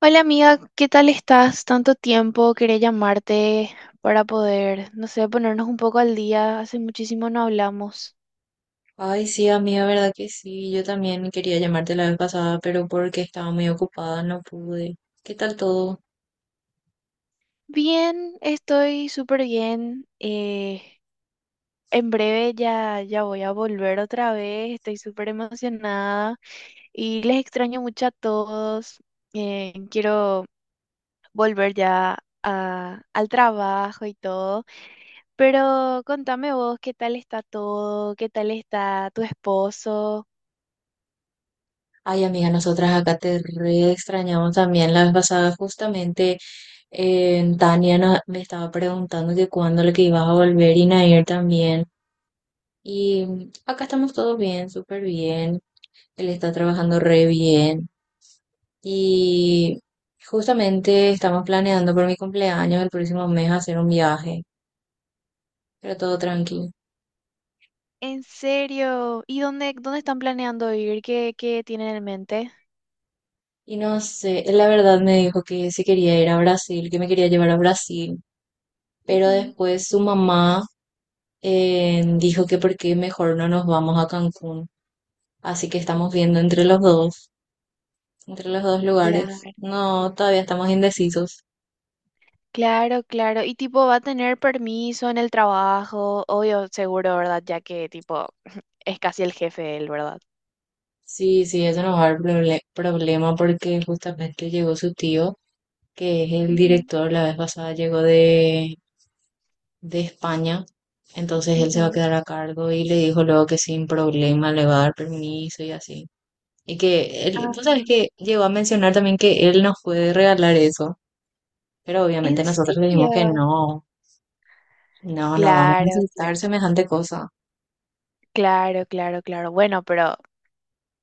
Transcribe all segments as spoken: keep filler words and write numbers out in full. Hola amiga, ¿qué tal estás? Tanto tiempo, quería llamarte para poder, no sé, ponernos un poco al día. Hace muchísimo no hablamos. Ay, sí, amiga, verdad que sí. Yo también quería llamarte la vez pasada, pero porque estaba muy ocupada no pude. ¿Qué tal todo? Bien, estoy súper bien. Eh, en breve ya, ya voy a volver otra vez. Estoy súper emocionada y les extraño mucho a todos. Eh, quiero volver ya a- al trabajo y todo. Pero contame vos, ¿qué tal está todo? ¿Qué tal está tu esposo? Ay, amiga, nosotras acá te re extrañamos también la vez pasada. Justamente eh, Tania no- me estaba preguntando que cuándo le que ibas a volver y Nair también. Y mm, acá estamos todos bien, súper bien. Él está trabajando re bien. Y justamente estamos planeando por mi cumpleaños el próximo mes hacer un viaje, pero todo tranquilo. ¿En serio? ¿Y dónde, dónde están planeando ir? ¿Qué, qué tienen en mente? Y no sé, él la verdad me dijo que se quería ir a Brasil, que me quería llevar a Brasil, pero Ujú. después su mamá eh, dijo que por qué mejor no nos vamos a Cancún. Así que estamos viendo entre los dos, entre los dos Claro, lugares. No, todavía estamos indecisos. claro, claro. Y tipo, va a tener permiso en el trabajo, obvio, seguro, ¿verdad? Ya que tipo, es casi el jefe él, ¿verdad? Sí, sí, eso nos va a dar proble- problema porque justamente llegó su tío, que es el Ujú, director, la vez pasada llegó de, de España. Entonces él se va a ujú. quedar a cargo y le dijo luego que sin problema le va a dar permiso y así. Y que él, Ah, tú sabes que llegó a mencionar también que él nos puede regalar eso, pero ¿en obviamente nosotros le dijimos que serio? no, no, no vamos a Claro, aceptar claro, semejante cosa. claro, claro, claro. Bueno, pero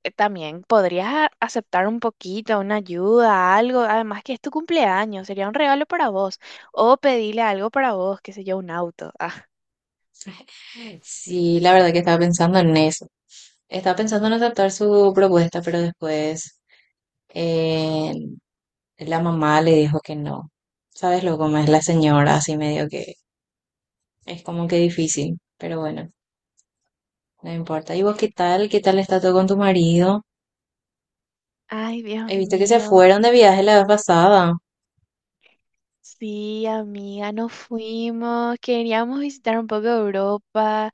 eh, también podrías a- aceptar un poquito, una ayuda, algo. Además que es tu cumpleaños, sería un regalo para vos. O pedirle algo para vos, qué sé yo, un auto. Ah. Sí, la verdad que estaba pensando en eso. Estaba pensando en aceptar su propuesta, pero después eh, la mamá le dijo que no. ¿Sabes lo cómo es la señora? Así medio que es como que difícil, pero bueno, no importa. ¿Y vos qué tal? ¿Qué tal está todo con tu marido? Ay, He Dios visto que se mío. fueron de viaje la vez pasada. Sí, amiga, nos fuimos. Queríamos visitar un poco Europa.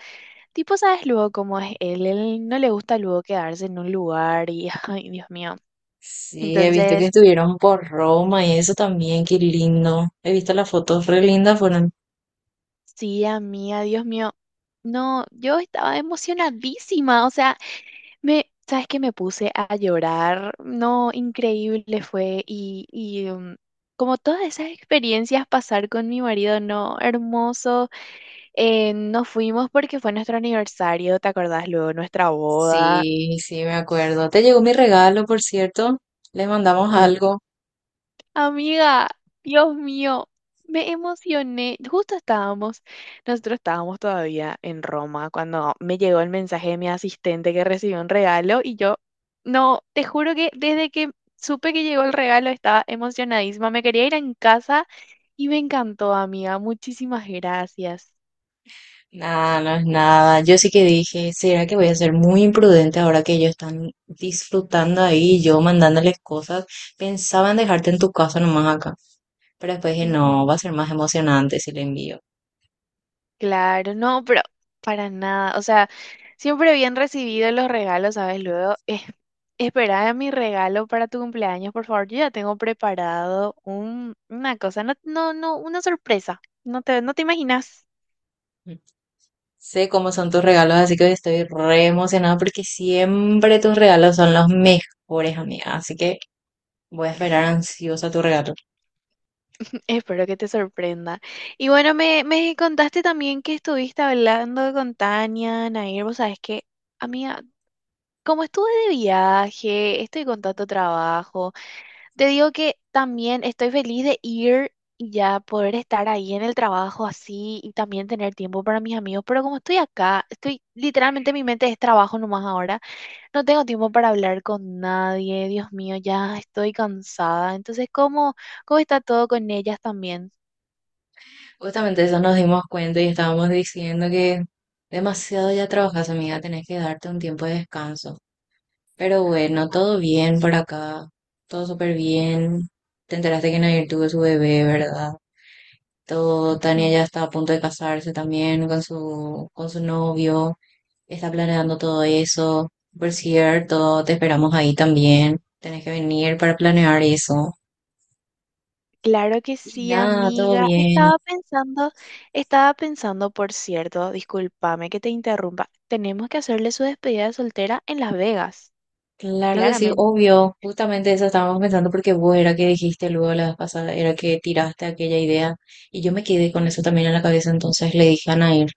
Tipo, ¿sabes luego cómo es él? Él no le gusta luego quedarse en un lugar y, ay, Dios mío. Sí, he visto que Entonces, estuvieron por Roma y eso también, qué lindo. He visto las fotos re lindas, fueron. sí, amiga, Dios mío. No, yo estaba emocionadísima, o sea. Me, ¿sabes qué? Me puse a llorar. No, increíble fue. Y, y um, como todas esas experiencias pasar con mi marido, no, hermoso. Eh, nos fuimos porque fue nuestro aniversario, ¿te acordás luego? Nuestra boda. Sí, sí, me acuerdo. Te llegó mi regalo, por cierto. Les mandamos algo. Amiga, Dios mío, me emocioné. Justo estábamos, nosotros estábamos todavía en Roma cuando me llegó el mensaje de mi asistente que recibió un regalo y yo, no, te juro que desde que supe que llegó el regalo estaba emocionadísima. Me quería ir en casa y me encantó, amiga. Muchísimas gracias. Nada, no es nada. Yo sí que dije, ¿será que voy a ser muy imprudente ahora que ellos están disfrutando ahí y yo mandándoles cosas? Pensaba en dejarte en tu casa nomás acá. Pero después dije, no, va a ser más emocionante si le envío. Claro, no, pero para nada. O sea, siempre bien recibido los regalos, ¿sabes? Luego, eh, espera mi regalo para tu cumpleaños, por favor. Yo ya tengo preparado un, una cosa, no, no, no, una sorpresa. No te, no te imaginas. Sé cómo son tus regalos, así que estoy re emocionada porque siempre tus regalos son los mejores, amiga. Así que voy a esperar ansiosa tu regalo. Espero que te sorprenda. Y bueno, me, me contaste también que estuviste hablando con Tania, Nair. Vos sabés que, amiga, como estuve de viaje, estoy con tanto trabajo. Te digo que también estoy feliz de ir y ya poder estar ahí en el trabajo así y también tener tiempo para mis amigos, pero como estoy acá, estoy literalmente mi mente es trabajo nomás ahora, no tengo tiempo para hablar con nadie, Dios mío, ya estoy cansada. Entonces, ¿cómo, cómo está todo con ellas también? Justamente eso nos dimos cuenta y estábamos diciendo que demasiado ya trabajas, amiga. Tenés que darte un tiempo de descanso. Pero bueno, todo bien por acá. Todo súper bien. Te enteraste que Nair tuvo su bebé, ¿verdad? Todo, Tania Mm. ya está a punto de casarse también con su, con su novio. Está planeando todo eso. Por cierto, te esperamos ahí también. Tenés que venir para planear eso. Claro que Y sí, nada, todo amiga. bien. Estaba pensando, estaba pensando, por cierto, discúlpame que te interrumpa, tenemos que hacerle su despedida de soltera en Las Vegas. Claro que sí, Claramente. obvio. Justamente eso estábamos pensando porque vos era que dijiste luego la vez pasada, era que tiraste aquella idea. Y yo me quedé con eso también en la cabeza, entonces le dije a Nair,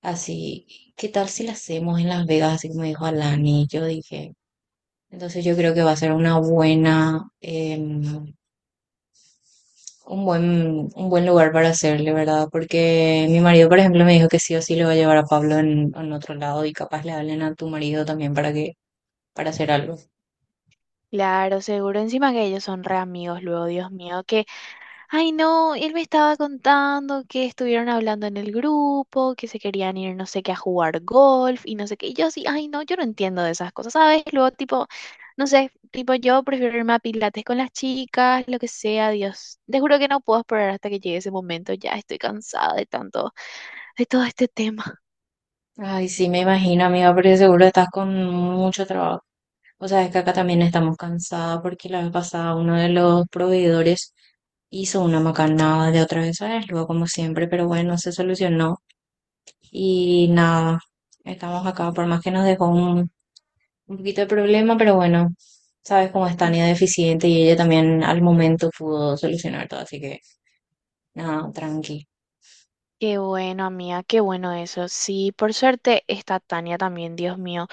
así, ¿qué tal si la hacemos en Las Vegas? Así como dijo Alani. Yo dije, entonces yo creo que va a ser una buena, eh, un buen, un buen lugar para hacerle, ¿verdad? Porque mi marido, por ejemplo, me dijo que sí o sí le va a llevar a Pablo en, en otro lado y capaz le hablen a tu marido también para que, para hacer algo. Claro, seguro. Encima que ellos son re amigos luego, Dios mío, que, ay no, él me estaba contando que estuvieron hablando en el grupo, que se querían ir no sé qué a jugar golf y no sé qué. Y yo así, ay no, yo no entiendo de esas cosas, ¿sabes? Luego tipo, no sé, tipo yo prefiero irme a pilates con las chicas, lo que sea, Dios. Te juro que no puedo esperar hasta que llegue ese momento, ya estoy cansada de tanto, de todo este tema. Ay, sí, me imagino, amiga, porque seguro estás con mucho trabajo. O sea, es que acá también estamos cansadas porque la vez pasada uno de los proveedores hizo una macanada de otra vez a él, luego como siempre, pero bueno, se solucionó y nada, estamos acá, por más que nos dejó un un poquito de problema, pero bueno, sabes cómo es Mm. Tania deficiente y ella también al momento pudo solucionar todo, así que nada, tranqui. Qué bueno, amiga, qué bueno eso. Sí, por suerte está Tania también, Dios mío.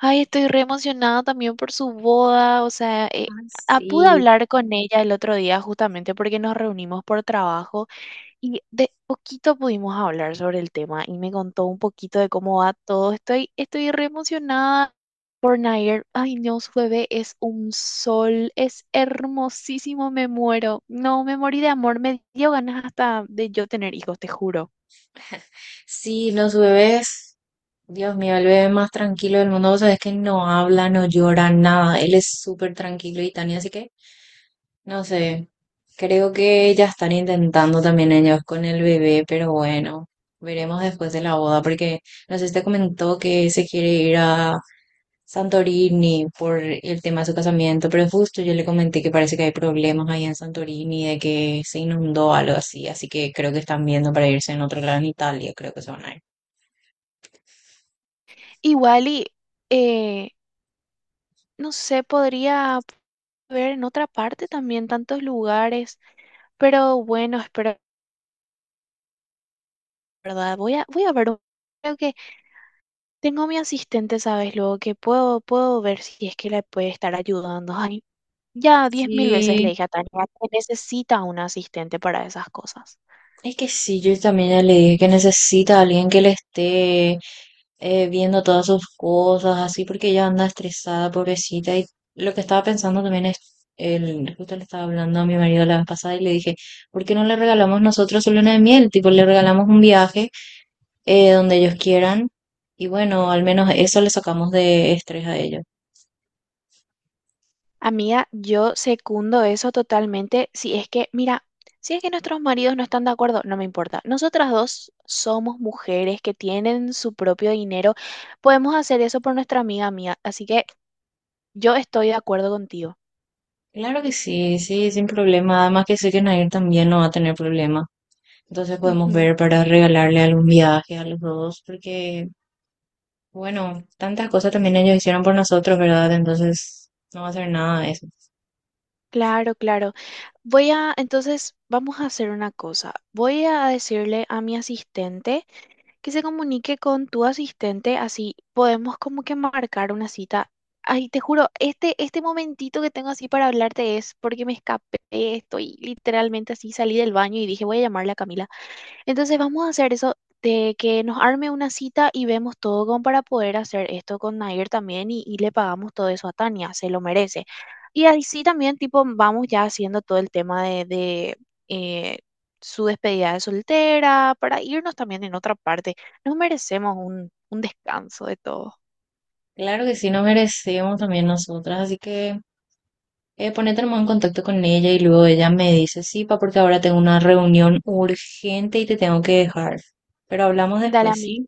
Ay, estoy re emocionada también por su boda. O sea, eh, Ay, ah, pude sí. hablar con ella el otro día justamente porque nos reunimos por trabajo y de poquito pudimos hablar sobre el tema y me contó un poquito de cómo va todo. Estoy, estoy re emocionada por Nair. Ay, no, su bebé es un sol, es hermosísimo, me muero. No, me morí de amor, me dio ganas hasta de yo tener hijos, te juro. Sí, los bebés, Dios mío, el bebé más tranquilo del mundo, o sea, es que no habla, no llora, nada, él es súper tranquilo y Tania, así que no sé, creo que ya están intentando también ellos con el bebé, pero bueno, veremos después de la boda, porque no sé si te comentó que se quiere ir a Santorini por el tema de su casamiento, pero justo yo le comenté que parece que hay problemas ahí en Santorini, de que se inundó algo así, así que creo que están viendo para irse en otro lado en Italia, creo que se van a ir. Igual y... Wally, no sé, podría ver en otra parte también tantos lugares, pero bueno, espero, ¿verdad? Voy a, voy a ver, un- creo que tengo a mi asistente, ¿sabes? Luego que puedo, puedo ver si es que le puede estar ayudando. Ay, ya diez mil veces le Sí, dije a Tania que necesita un asistente para esas cosas. es que sí, yo también ya le dije que necesita a alguien que le esté eh, viendo todas sus cosas, así, porque ella anda estresada, pobrecita, y lo que estaba pensando también es, el, justo le estaba hablando a mi marido la vez pasada y le dije, ¿por qué no le regalamos nosotros su luna de miel? Tipo, le regalamos un viaje eh, donde ellos quieran. Y bueno, al menos eso le sacamos de estrés a ellos. Amiga, yo secundo eso totalmente. Si es que, mira, si es que nuestros maridos no están de acuerdo, no me importa. Nosotras dos somos mujeres que tienen su propio dinero. Podemos hacer eso por nuestra amiga mía. Así que yo estoy de acuerdo contigo. Claro que sí, sí, sin problema. Además que sé que Nair también no va a tener problema. Entonces podemos Ujú. ver para regalarle algún viaje a los dos, porque, bueno, tantas cosas también ellos hicieron por nosotros, ¿verdad? Entonces no va a ser nada de eso. Claro, claro. Voy a, entonces, vamos a hacer una cosa. Voy a decirle a mi asistente que se comunique con tu asistente, así podemos como que marcar una cita. Ay, te juro, este, este momentito que tengo así para hablarte es porque me escapé, estoy literalmente así, salí del baño y dije, voy a llamarle a Camila. Entonces vamos a hacer eso de que nos arme una cita y vemos todo como para poder hacer esto con Nair también y, y le pagamos todo eso a Tania, se lo merece. Y así también tipo vamos ya haciendo todo el tema de, de, eh, su despedida de soltera para irnos también en otra parte. Nos merecemos un, un descanso de todo. Claro que sí, nos merecemos también nosotras, así que eh, ponete nomás en contacto con ella y luego ella me dice, sí, pa, porque ahora tengo una reunión urgente y te tengo que dejar. Pero hablamos Dale a después, mí, ¿sí?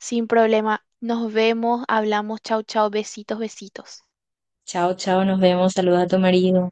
sin problema. Nos vemos, hablamos, chau, chau, besitos, besitos. Chao, chao, nos vemos. Saluda a tu marido.